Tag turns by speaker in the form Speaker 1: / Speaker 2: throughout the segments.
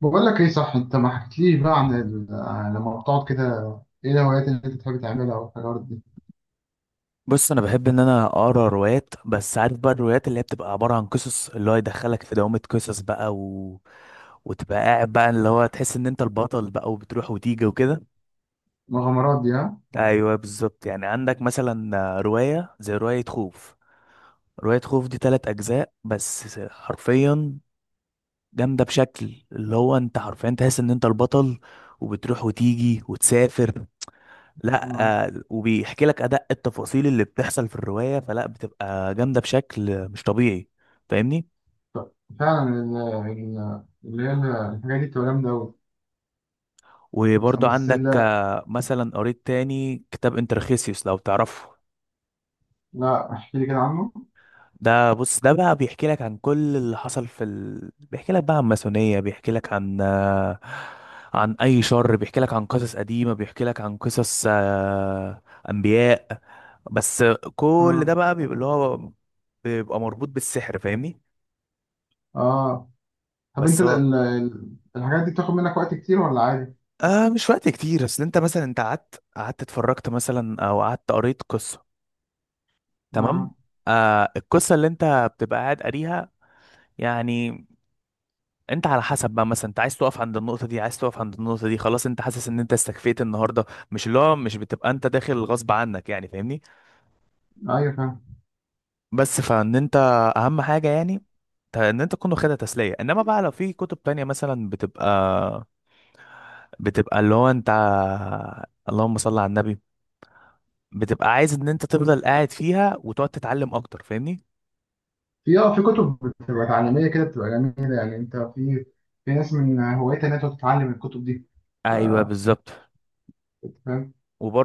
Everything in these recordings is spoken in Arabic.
Speaker 1: بقول لك ايه، صح؟ انت ما حكيتليش بقى عن عن لما بتقعد كده، ايه الهوايات اللي انت بتحب تعملها او الحاجات دي؟
Speaker 2: بص، انا بحب ان انا اقرا روايات. بس عارف بقى، الروايات اللي هي بتبقى عباره عن قصص، اللي هو يدخلك في دوامه قصص بقى، وتبقى قاعد بقى، اللي هو تحس ان انت البطل بقى، وبتروح وتيجي وكده.
Speaker 1: المغامرات دي، ها؟
Speaker 2: ايوه بالظبط، يعني عندك مثلا روايه زي روايه خوف. روايه خوف دي تلات اجزاء بس، حرفيا جامده بشكل، اللي هو انت حرفيا تحس ان انت البطل وبتروح وتيجي وتسافر. لا.
Speaker 1: آه،
Speaker 2: وبيحكي لك ادق التفاصيل اللي بتحصل في الروايه، فلا بتبقى جامده بشكل مش طبيعي. فاهمني؟
Speaker 1: فعلا ال... ال... اللي هي ال- الحاجات دي بتبقى جامده قوي.
Speaker 2: وبرضو
Speaker 1: بس
Speaker 2: عندك،
Speaker 1: ال...
Speaker 2: مثلا قريت تاني كتاب انترخيسيوس، لو تعرفه.
Speaker 1: لا، احكي لي كده عنه.
Speaker 2: ده، بص، ده بقى بيحكي لك عن كل اللي حصل بيحكي لك بقى عن ماسونيه، بيحكي لك عن عن اي شر، بيحكي لك عن قصص قديمه، بيحكي لك عن قصص، انبياء بس. كل ده
Speaker 1: اه،
Speaker 2: بقى بيبقى اللي هو بيبقى مربوط بالسحر. فاهمني؟
Speaker 1: اه. طب انت
Speaker 2: بس هو،
Speaker 1: الحاجات دي بتاخد منك وقت كتير ولا عادي؟
Speaker 2: مش وقت كتير. اصل انت مثلا انت قعدت اتفرجت مثلا، او قعدت قريت قصة، تمام.
Speaker 1: آه.
Speaker 2: القصة اللي انت بتبقى قاعد قاريها يعني، انت على حسب بقى. مثلا انت عايز تقف عند النقطة دي، عايز تقف عند النقطة دي، خلاص انت حاسس ان انت استكفيت النهاردة. مش اللي هو مش بتبقى انت داخل غصب عنك يعني، فاهمني؟
Speaker 1: ايوه فاهم.
Speaker 2: بس فان انت، اهم حاجة يعني، ان انت تكون واخدها تسلية. انما بقى لو في كتب تانية مثلا، بتبقى اللي هو انت، اللهم صل على النبي، بتبقى عايز ان انت تفضل قاعد فيها وتقعد تتعلم اكتر. فاهمني؟
Speaker 1: في اه في كتب بتبقى تعليميه كده، بتبقى جميله. يعني انت في في ناس من هوايتها انها تقعد تتعلم الكتب دي.
Speaker 2: ايوه بالظبط.
Speaker 1: فاهم.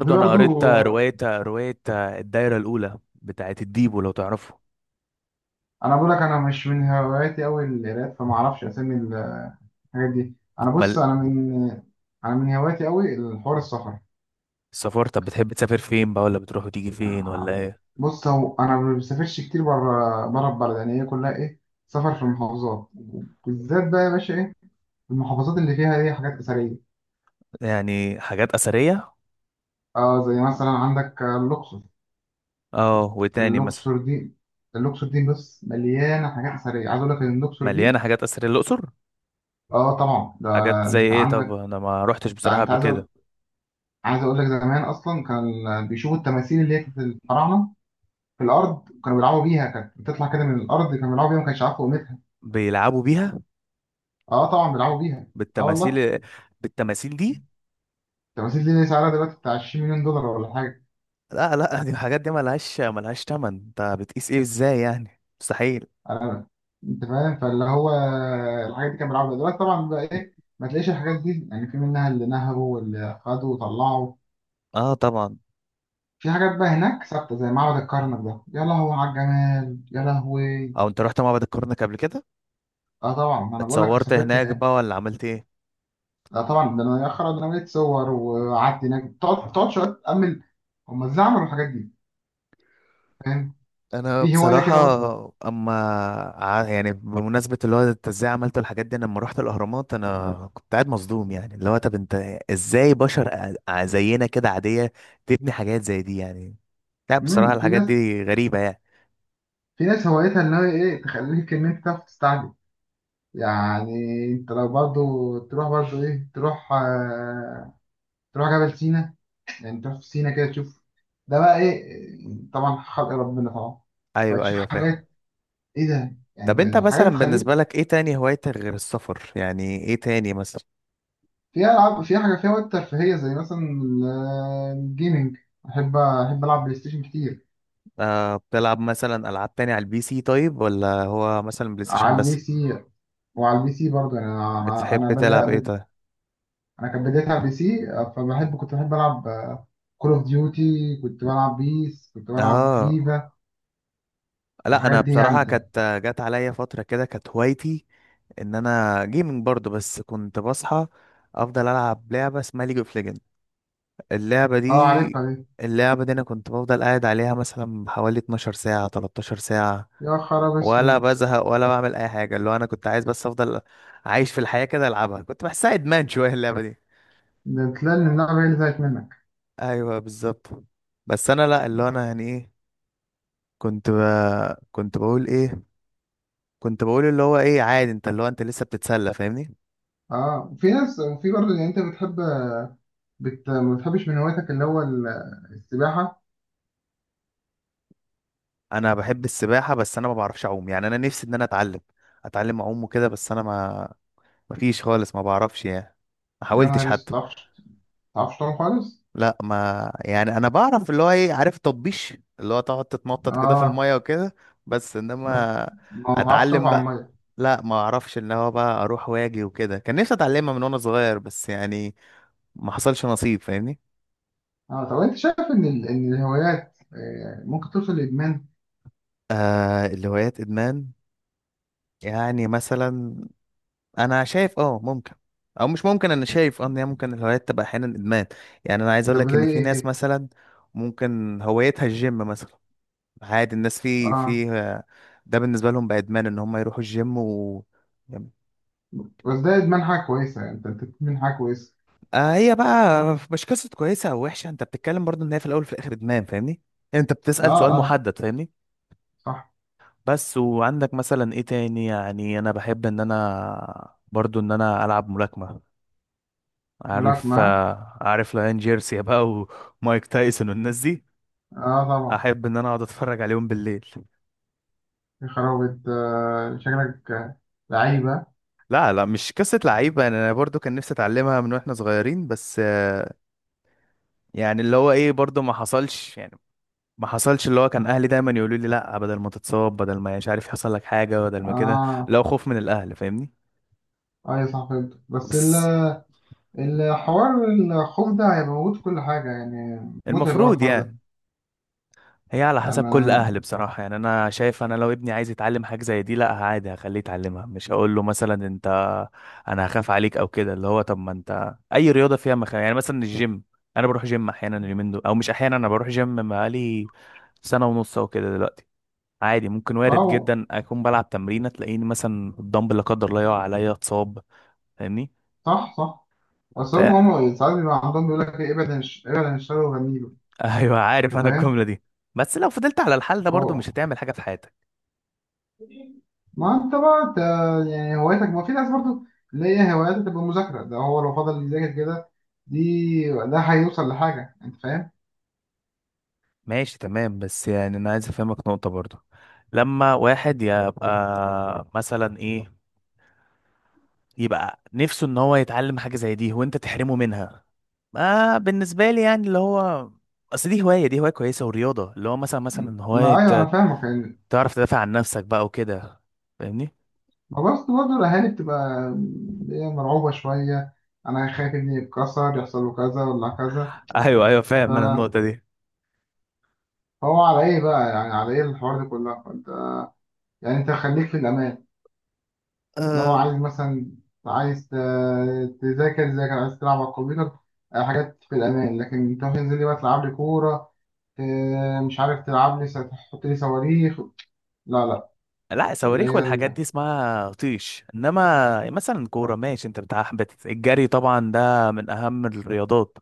Speaker 1: وفي
Speaker 2: انا
Speaker 1: برضو
Speaker 2: قريت روايه الدايره الاولى بتاعت الديبو، لو تعرفه.
Speaker 1: انا بقول لك، انا مش من هواياتي قوي القراءات، فما اعرفش اسامي الحاجات دي. انا
Speaker 2: مال.
Speaker 1: بص انا من انا من هواياتي قوي الحوار، السفر.
Speaker 2: السفر، طب بتحب تسافر فين بقى؟ ولا بتروح وتيجي فين؟ ولا
Speaker 1: يعني
Speaker 2: ايه؟
Speaker 1: بص، هو انا ما بسافرش كتير بره، بره البلد يعني، هي كلها ايه، سفر في المحافظات. بالذات بقى يا باشا ايه، المحافظات اللي فيها ايه، حاجات اثريه.
Speaker 2: يعني حاجات اثريه.
Speaker 1: اه زي مثلا عندك الاقصر.
Speaker 2: اه، وتاني مثلا؟
Speaker 1: الاقصر دي الاقصر دي بص مليانه حاجات اثريه. عايز اقول لك ان الاقصر
Speaker 2: مليانه
Speaker 1: دي،
Speaker 2: حاجات اثريه الاقصر؟
Speaker 1: اه طبعا ده
Speaker 2: حاجات زي
Speaker 1: انت
Speaker 2: ايه؟ طب
Speaker 1: عندك
Speaker 2: انا ما روحتش
Speaker 1: انت
Speaker 2: بصراحه قبل
Speaker 1: عايز
Speaker 2: كده.
Speaker 1: اقول لك، زمان اصلا كان بيشوفوا التماثيل اللي هي كانت الفراعنه في الارض كانوا بيلعبوا بيها، كانت بتطلع كده من الارض، كانوا بيلعبوا بيها، ما كانش عارف قيمتها.
Speaker 2: بيلعبوا بيها؟
Speaker 1: اه طبعا بيلعبوا بيها. اه والله.
Speaker 2: بالتماثيل؟ بالتماثيل دي؟
Speaker 1: التماثيل دي سعرها دلوقتي بتاع 20 مليون دولار ولا حاجه.
Speaker 2: لا لا، دي الحاجات دي ملهاش، ملهاش تمن. انت بتقيس ايه ازاي يعني؟ مستحيل.
Speaker 1: انا، انت فاهم؟ فاللي هو الحاجات دي كانوا بيلعبوا بيها. دلوقتي طبعا بقى ايه، ما تلاقيش الحاجات دي يعني، في منها اللي نهبوا واللي خدوا وطلعوا.
Speaker 2: اه طبعا.
Speaker 1: في حاجات بقى هناك ثابته زي معبد الكرنك، ده يا لهوي على الجمال، يا لهوي.
Speaker 2: او انت رحت معبد الكرنك قبل كده؟
Speaker 1: اه طبعا، ما انا بقول لك
Speaker 2: اتصورت
Speaker 1: سافرت.
Speaker 2: هناك بقى، ولا عملت ايه؟
Speaker 1: لا طبعا، ده انا يا خرا، ده انا بقيت صور وقعدت هناك، تقعد شويه تامل هم ازاي عملوا الحاجات دي. فاهم؟
Speaker 2: انا
Speaker 1: في هوايه
Speaker 2: بصراحة،
Speaker 1: كده برضه.
Speaker 2: اما، يعني بمناسبة اللي هو انت ازاي عملت الحاجات دي، أنا لما رحت الاهرامات انا كنت قاعد مصدوم. يعني اللي هو طب انت ازاي بشر زينا كده عادية تبني حاجات زي دي يعني؟ لا بصراحة
Speaker 1: في
Speaker 2: الحاجات
Speaker 1: ناس،
Speaker 2: دي غريبة يعني.
Speaker 1: في ناس هوايتها ان هي ايه، تخليك ان انت تعرف تستعجل. يعني انت لو برضه تروح، برضه ايه، تروح تروح جبل سينا يعني، تروح في سينا كده، تشوف ده بقى ايه، طبعا خلق ربنا طبعا.
Speaker 2: ايوه
Speaker 1: فتشوف
Speaker 2: ايوه فاهم.
Speaker 1: حاجات ايه ده يعني.
Speaker 2: طب انت
Speaker 1: انت حاجات
Speaker 2: مثلا
Speaker 1: تخليك،
Speaker 2: بالنسبة لك ايه تاني هوايتك غير السفر؟ يعني ايه تاني مثلا؟
Speaker 1: في ألعاب، في حاجة فيها وقت ترفيهية زي مثلا الجيمنج. أحب ألعب بلاي ستيشن كتير.
Speaker 2: بتلعب مثلا العاب تاني على البي سي طيب، ولا هو مثلا بلاي ستيشن
Speaker 1: على البي
Speaker 2: بس؟
Speaker 1: سي وعلى البي سي برضه يعني، أنا
Speaker 2: بتحب
Speaker 1: بدأ،
Speaker 2: تلعب ايه طيب؟
Speaker 1: أنا كانت بدايتي على البي سي. كنت بحب ألعب كول أوف ديوتي، كنت بلعب بيس، كنت بلعب
Speaker 2: اه.
Speaker 1: فيفا.
Speaker 2: لا، انا
Speaker 1: الحاجات دي
Speaker 2: بصراحه
Speaker 1: يعني.
Speaker 2: كانت جت عليا فتره كده كانت هوايتي ان جيمنج برضو. بس كنت بصحى افضل العب لعبه اسمها ليج اوف ليجند. اللعبه
Speaker 1: أه عارفها
Speaker 2: دي،
Speaker 1: دي.
Speaker 2: اللعبه دي انا كنت بفضل قاعد عليها مثلا حوالي 12 ساعه، 13 ساعه،
Speaker 1: يا خراب
Speaker 2: ولا
Speaker 1: أسود.
Speaker 2: بزهق ولا بعمل اي حاجه. اللي هو انا كنت عايز بس افضل عايش في الحياه كده العبها. كنت بحسها ادمان شويه اللعبه دي.
Speaker 1: ده تلاقي إن اللعبة هي اللي زهقت منك.
Speaker 2: ايوه بالظبط. بس انا، لا، اللي هو انا يعني ايه، كنت ب... كنت بقول ايه، كنت بقول اللي هو ايه، عادي انت اللي هو انت لسه بتتسلى. فاهمني؟
Speaker 1: أه في ناس. وفي برضه يعني، أنت بتحب ما بتحبش من هواياتك اللي هو السباحة؟
Speaker 2: انا بحب السباحه بس انا ما بعرفش اعوم. يعني انا نفسي ان انا اتعلم، اتعلم اعوم وكده. بس انا ما، ما فيش خالص، ما بعرفش يعني. ما
Speaker 1: يا
Speaker 2: حاولتش
Speaker 1: نهار أسود،
Speaker 2: حتى.
Speaker 1: ما تعرفش، ما تعرفش تعوم خالص؟
Speaker 2: لا ما، يعني انا بعرف اللي هو ايه، عارف تطبيش، اللي هو تقعد تتنطط كده في
Speaker 1: اه.
Speaker 2: الميه وكده. بس
Speaker 1: بس
Speaker 2: انما
Speaker 1: ما بعرفش تقف
Speaker 2: اتعلم
Speaker 1: على
Speaker 2: بقى،
Speaker 1: الميه.
Speaker 2: لا، ما اعرفش ان هو بقى اروح واجي وكده. كان نفسي اتعلمها من وانا صغير، بس يعني ما حصلش نصيب. فاهمني؟
Speaker 1: اه. طب انت شايف ان ان الهوايات ممكن توصل لادمان؟
Speaker 2: الهوايات ادمان؟ يعني مثلا، انا شايف اه ممكن. او مش ممكن، انا شايف اه ان هي ممكن الهوايات تبقى احيانا ادمان. يعني انا عايز اقول
Speaker 1: طب
Speaker 2: لك
Speaker 1: زي
Speaker 2: ان في
Speaker 1: ايه
Speaker 2: ناس
Speaker 1: كده؟
Speaker 2: مثلا ممكن هوايتها الجيم مثلا. عادي. الناس في في،
Speaker 1: اه.
Speaker 2: ده بالنسبه لهم بقى ادمان ان هم يروحوا الجيم، و، يعني-
Speaker 1: بس ده ادمان حاجه كويسه يعني، انت أنت بتدمن حاجه كويسه.
Speaker 2: هي بقى مش قصه كويسه او وحشه، انت بتتكلم برضو ان هي في الاول وفي الاخر ادمان. فاهمني؟ يعني انت
Speaker 1: اه.
Speaker 2: بتسال سؤال
Speaker 1: اه،
Speaker 2: محدد. فاهمني؟
Speaker 1: صح.
Speaker 2: بس وعندك مثلا ايه تاني. يعني انا بحب ان انا برضو ان انا العب ملاكمه. عارف
Speaker 1: ملاكمه.
Speaker 2: عارف ليان جيرسي بقى، ومايك تايسون والناس دي،
Speaker 1: اه، طبعا.
Speaker 2: احب ان انا اقعد اتفرج عليهم بالليل.
Speaker 1: يا خرابي آه، شكلك لعيبه.
Speaker 2: لا لا، مش قصة لعيبة. انا برضو كان نفسي اتعلمها من واحنا صغيرين، بس يعني اللي هو ايه، برضو ما حصلش يعني. ما حصلش. اللي هو كان اهلي دايما يقولوا لي لا، بدل ما تتصاب، بدل ما مش عارف يحصل لك حاجة، بدل ما كده.
Speaker 1: اه،
Speaker 2: لو خوف من الاهل. فاهمني؟
Speaker 1: ايوه صح فهمت.
Speaker 2: بس
Speaker 1: الحوار، الخوف ده هيبقى موجود في كل حاجه يعني. متعب قوي
Speaker 2: المفروض
Speaker 1: الحوار ده
Speaker 2: يعني. هي على حسب كل
Speaker 1: يعني.
Speaker 2: اهل بصراحه. يعني انا شايف، انا لو ابني عايز يتعلم حاجه زي دي، لا عادي هخليه يتعلمها. مش هقول له مثلا انت، انا هخاف عليك او كده. اللي هو طب ما انت اي رياضه فيها مخاوف يعني. مثلا الجيم، انا بروح جيم احيانا اليومين دول، او مش احيانا، انا بروح جيم بقالي سنه ونص او كده دلوقتي. عادي، ممكن وارد
Speaker 1: اه،
Speaker 2: جدا اكون بلعب تمرينه تلاقيني مثلا الدمبل لا قدر الله يقع عليا، اتصاب. فاهمني؟
Speaker 1: صح، صح. اصل
Speaker 2: ف
Speaker 1: هم ساعات بيبقى عندهم بيقول لك ابعد عن ابعد عن الشر وغني له.
Speaker 2: ايوه
Speaker 1: انت
Speaker 2: عارف انا
Speaker 1: فاهم؟
Speaker 2: الجمله دي. بس لو فضلت على الحال ده برضو
Speaker 1: اه.
Speaker 2: مش هتعمل حاجه في حياتك.
Speaker 1: ما انت بقى انت، يعني هوايتك، ما في ناس برضو اللي هي هواياتها تبقى مذاكرة، ده هو لو فضل يذاكر كده ده هيوصل لحاجة. انت فاهم؟
Speaker 2: ماشي تمام. بس يعني انا عايز افهمك نقطة برضه. لما واحد يبقى مثلا ايه، يبقى نفسه ان هو يتعلم حاجة زي دي، وانت تحرمه منها؟ ما بالنسبة لي يعني اللي هو، اصل دي هواية، دي هواية كويسة ورياضة. اللي هو مثلا، هواية
Speaker 1: ما ايوه انا فاهمك يعني.
Speaker 2: تعرف تدافع عن نفسك بقى وكده. فاهمني؟
Speaker 1: ما بس برضه الاهالي بتبقى اللي هي مرعوبة شوية، انا خايف ابني يتكسر، يحصل له كذا ولا كذا.
Speaker 2: ايوه ايوه
Speaker 1: ف-
Speaker 2: فاهم انا النقطة دي.
Speaker 1: فهو على ايه بقى يعني، على ايه الحوار ده كله؟ يعني انت خليك في الامان. لو
Speaker 2: أه.
Speaker 1: عايز مثلا، عايز تذاكر، ذاكر. عايز تلعب على الكمبيوتر، آه، حاجات في الأمان. لكن تروح تنزل لي بقى تلعب لي كورة، آه، مش عارف، تلعب لي تحط لي صواريخ، لا لا.
Speaker 2: لا
Speaker 1: اللي
Speaker 2: صواريخ
Speaker 1: هي
Speaker 2: والحاجات دي اسمها طيش. انما مثلا كورة ماشي. انت بتاع الجري، طبعا ده من اهم الرياضات.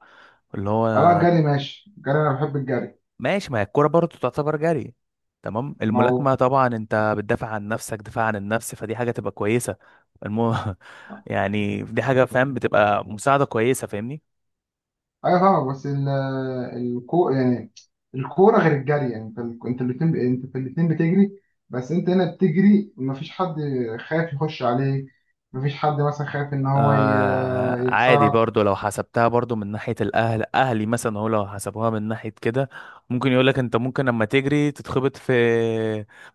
Speaker 2: اللي هو
Speaker 1: أنا الجري ماشي، الجري أنا بحب الجري.
Speaker 2: ماشي. ما هي الكوره برضه تعتبر جري. تمام.
Speaker 1: ما هو
Speaker 2: الملاكمه طبعا انت بتدافع عن نفسك، دفاع عن النفس، فدي حاجه تبقى كويسه. المو... يعني دي حاجه، فاهم، بتبقى مساعده كويسه. فاهمني؟
Speaker 1: أيوة فاهمك. بس ال... الكو يعني الكورة غير الجري يعني، أنت أنت الاتنين أنت في الاتنين بتجري، بس أنت هنا بتجري مفيش حد خايف يخش عليك، مفيش حد مثلا خايف إن هو
Speaker 2: عادي
Speaker 1: يكسرك.
Speaker 2: برضو. لو حسبتها برضو من ناحيه الاهل، اهلي مثلا هو لو حسبوها من ناحيه كده، ممكن يقول لك انت ممكن لما تجري تتخبط في،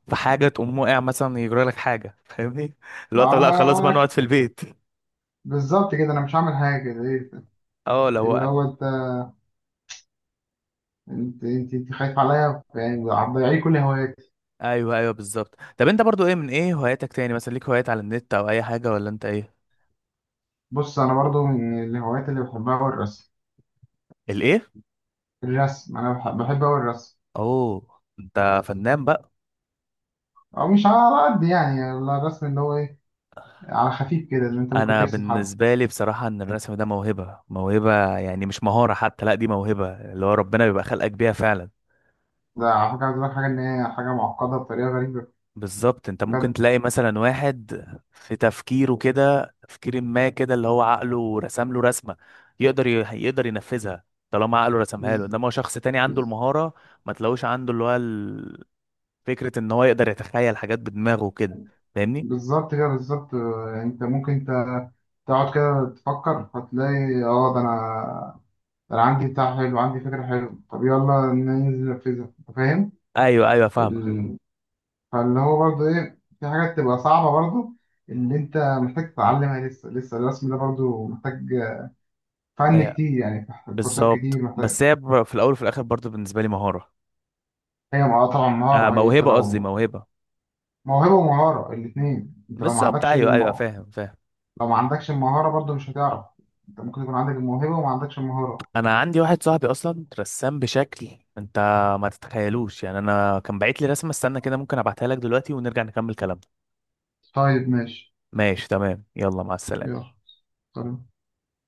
Speaker 2: في حاجه تقوم واقع مثلا، يجرى لك حاجه. فاهمني؟ اللي
Speaker 1: ما
Speaker 2: هو طب لا خلاص بقى
Speaker 1: انا
Speaker 2: نقعد في البيت.
Speaker 1: بالظبط كده، انا مش هعمل حاجه زي
Speaker 2: اه لو.
Speaker 1: اللي هو انت، انت خايف عليا، يعني هتضيعي كل هواياتي.
Speaker 2: ايوه ايوه بالظبط. طب انت برضو ايه من ايه هواياتك تاني مثلا؟ ليك هوايات على النت او اي حاجه، ولا انت ايه؟
Speaker 1: بص انا برضو من الهوايات اللي بحبها هو الرسم.
Speaker 2: الايه؟
Speaker 1: الرسم، انا بحب اوي الرسم.
Speaker 2: اوه، انت فنان بقى.
Speaker 1: او مش على قد يعني، على الرسم اللي هو ايه، على خفيف كده، اللي انت ممكن
Speaker 2: انا
Speaker 1: ترسم حد.
Speaker 2: بالنسبه لي بصراحه ان الرسم ده موهبه. موهبه يعني مش مهاره حتى، لا دي موهبه اللي هو ربنا بيبقى خلقك بيها فعلا.
Speaker 1: ده على فكره عايز أقول لك حاجه، ان هي حاجه معقده بطريقه غريبه.
Speaker 2: بالظبط. انت ممكن
Speaker 1: بجد.
Speaker 2: تلاقي مثلا واحد في تفكيره كده، تفكير ما كده، اللي هو عقله رسم له رسمه، يقدر يقدر ينفذها، طالما عقله رسمها له.
Speaker 1: بز-
Speaker 2: انما هو شخص تاني عنده
Speaker 1: بز-
Speaker 2: المهاره، ما تلاقوش عنده اللي هو فكرة ان هو يقدر يتخيل حاجات بدماغه وكده. فاهمني؟
Speaker 1: بالظبط كده، بالظبط. آه، انت ممكن تقعد كده تفكر، هتلاقي اه ده انا عندي بتاع حلو، عندي فكره حلوه. طب يلا ننزل ننفذها. انت فاهم؟
Speaker 2: ايوه ايوه فاهمة.
Speaker 1: ال... فاللي هو برضه ايه، في حاجات تبقى صعبه برضه اللي انت محتاج تتعلمها لسه. لسه الرسم ده برضه محتاج فن
Speaker 2: آه،
Speaker 1: كتير يعني، محتاج كورسات
Speaker 2: بالظبط،
Speaker 1: كتير،
Speaker 2: بس
Speaker 1: محتاج.
Speaker 2: هي في الاول وفي الاخر برضو بالنسبة لي مهارة.
Speaker 1: طبعا مهاره. هي انت
Speaker 2: موهبة، قصدي
Speaker 1: لو
Speaker 2: موهبة.
Speaker 1: موهبه ومهاره الاثنين، انت لو ما
Speaker 2: بالظبط
Speaker 1: عندكش
Speaker 2: ايوه ايوه فاهم فاهم.
Speaker 1: لو ما عندكش المهاره برضه مش هتعرف. انت ممكن يكون عندك الموهبه وما عندكش المهاره.
Speaker 2: انا عندي واحد صاحبي اصلا رسام بشكل، انت ما تتخيلوش يعني. انا كان باعت لي رسمة، استنى كده ممكن ابعتها لك دلوقتي ونرجع نكمل كلامنا.
Speaker 1: طيب ماشي.
Speaker 2: ماشي تمام، يلا مع السلامة.
Speaker 1: يلا. سلام.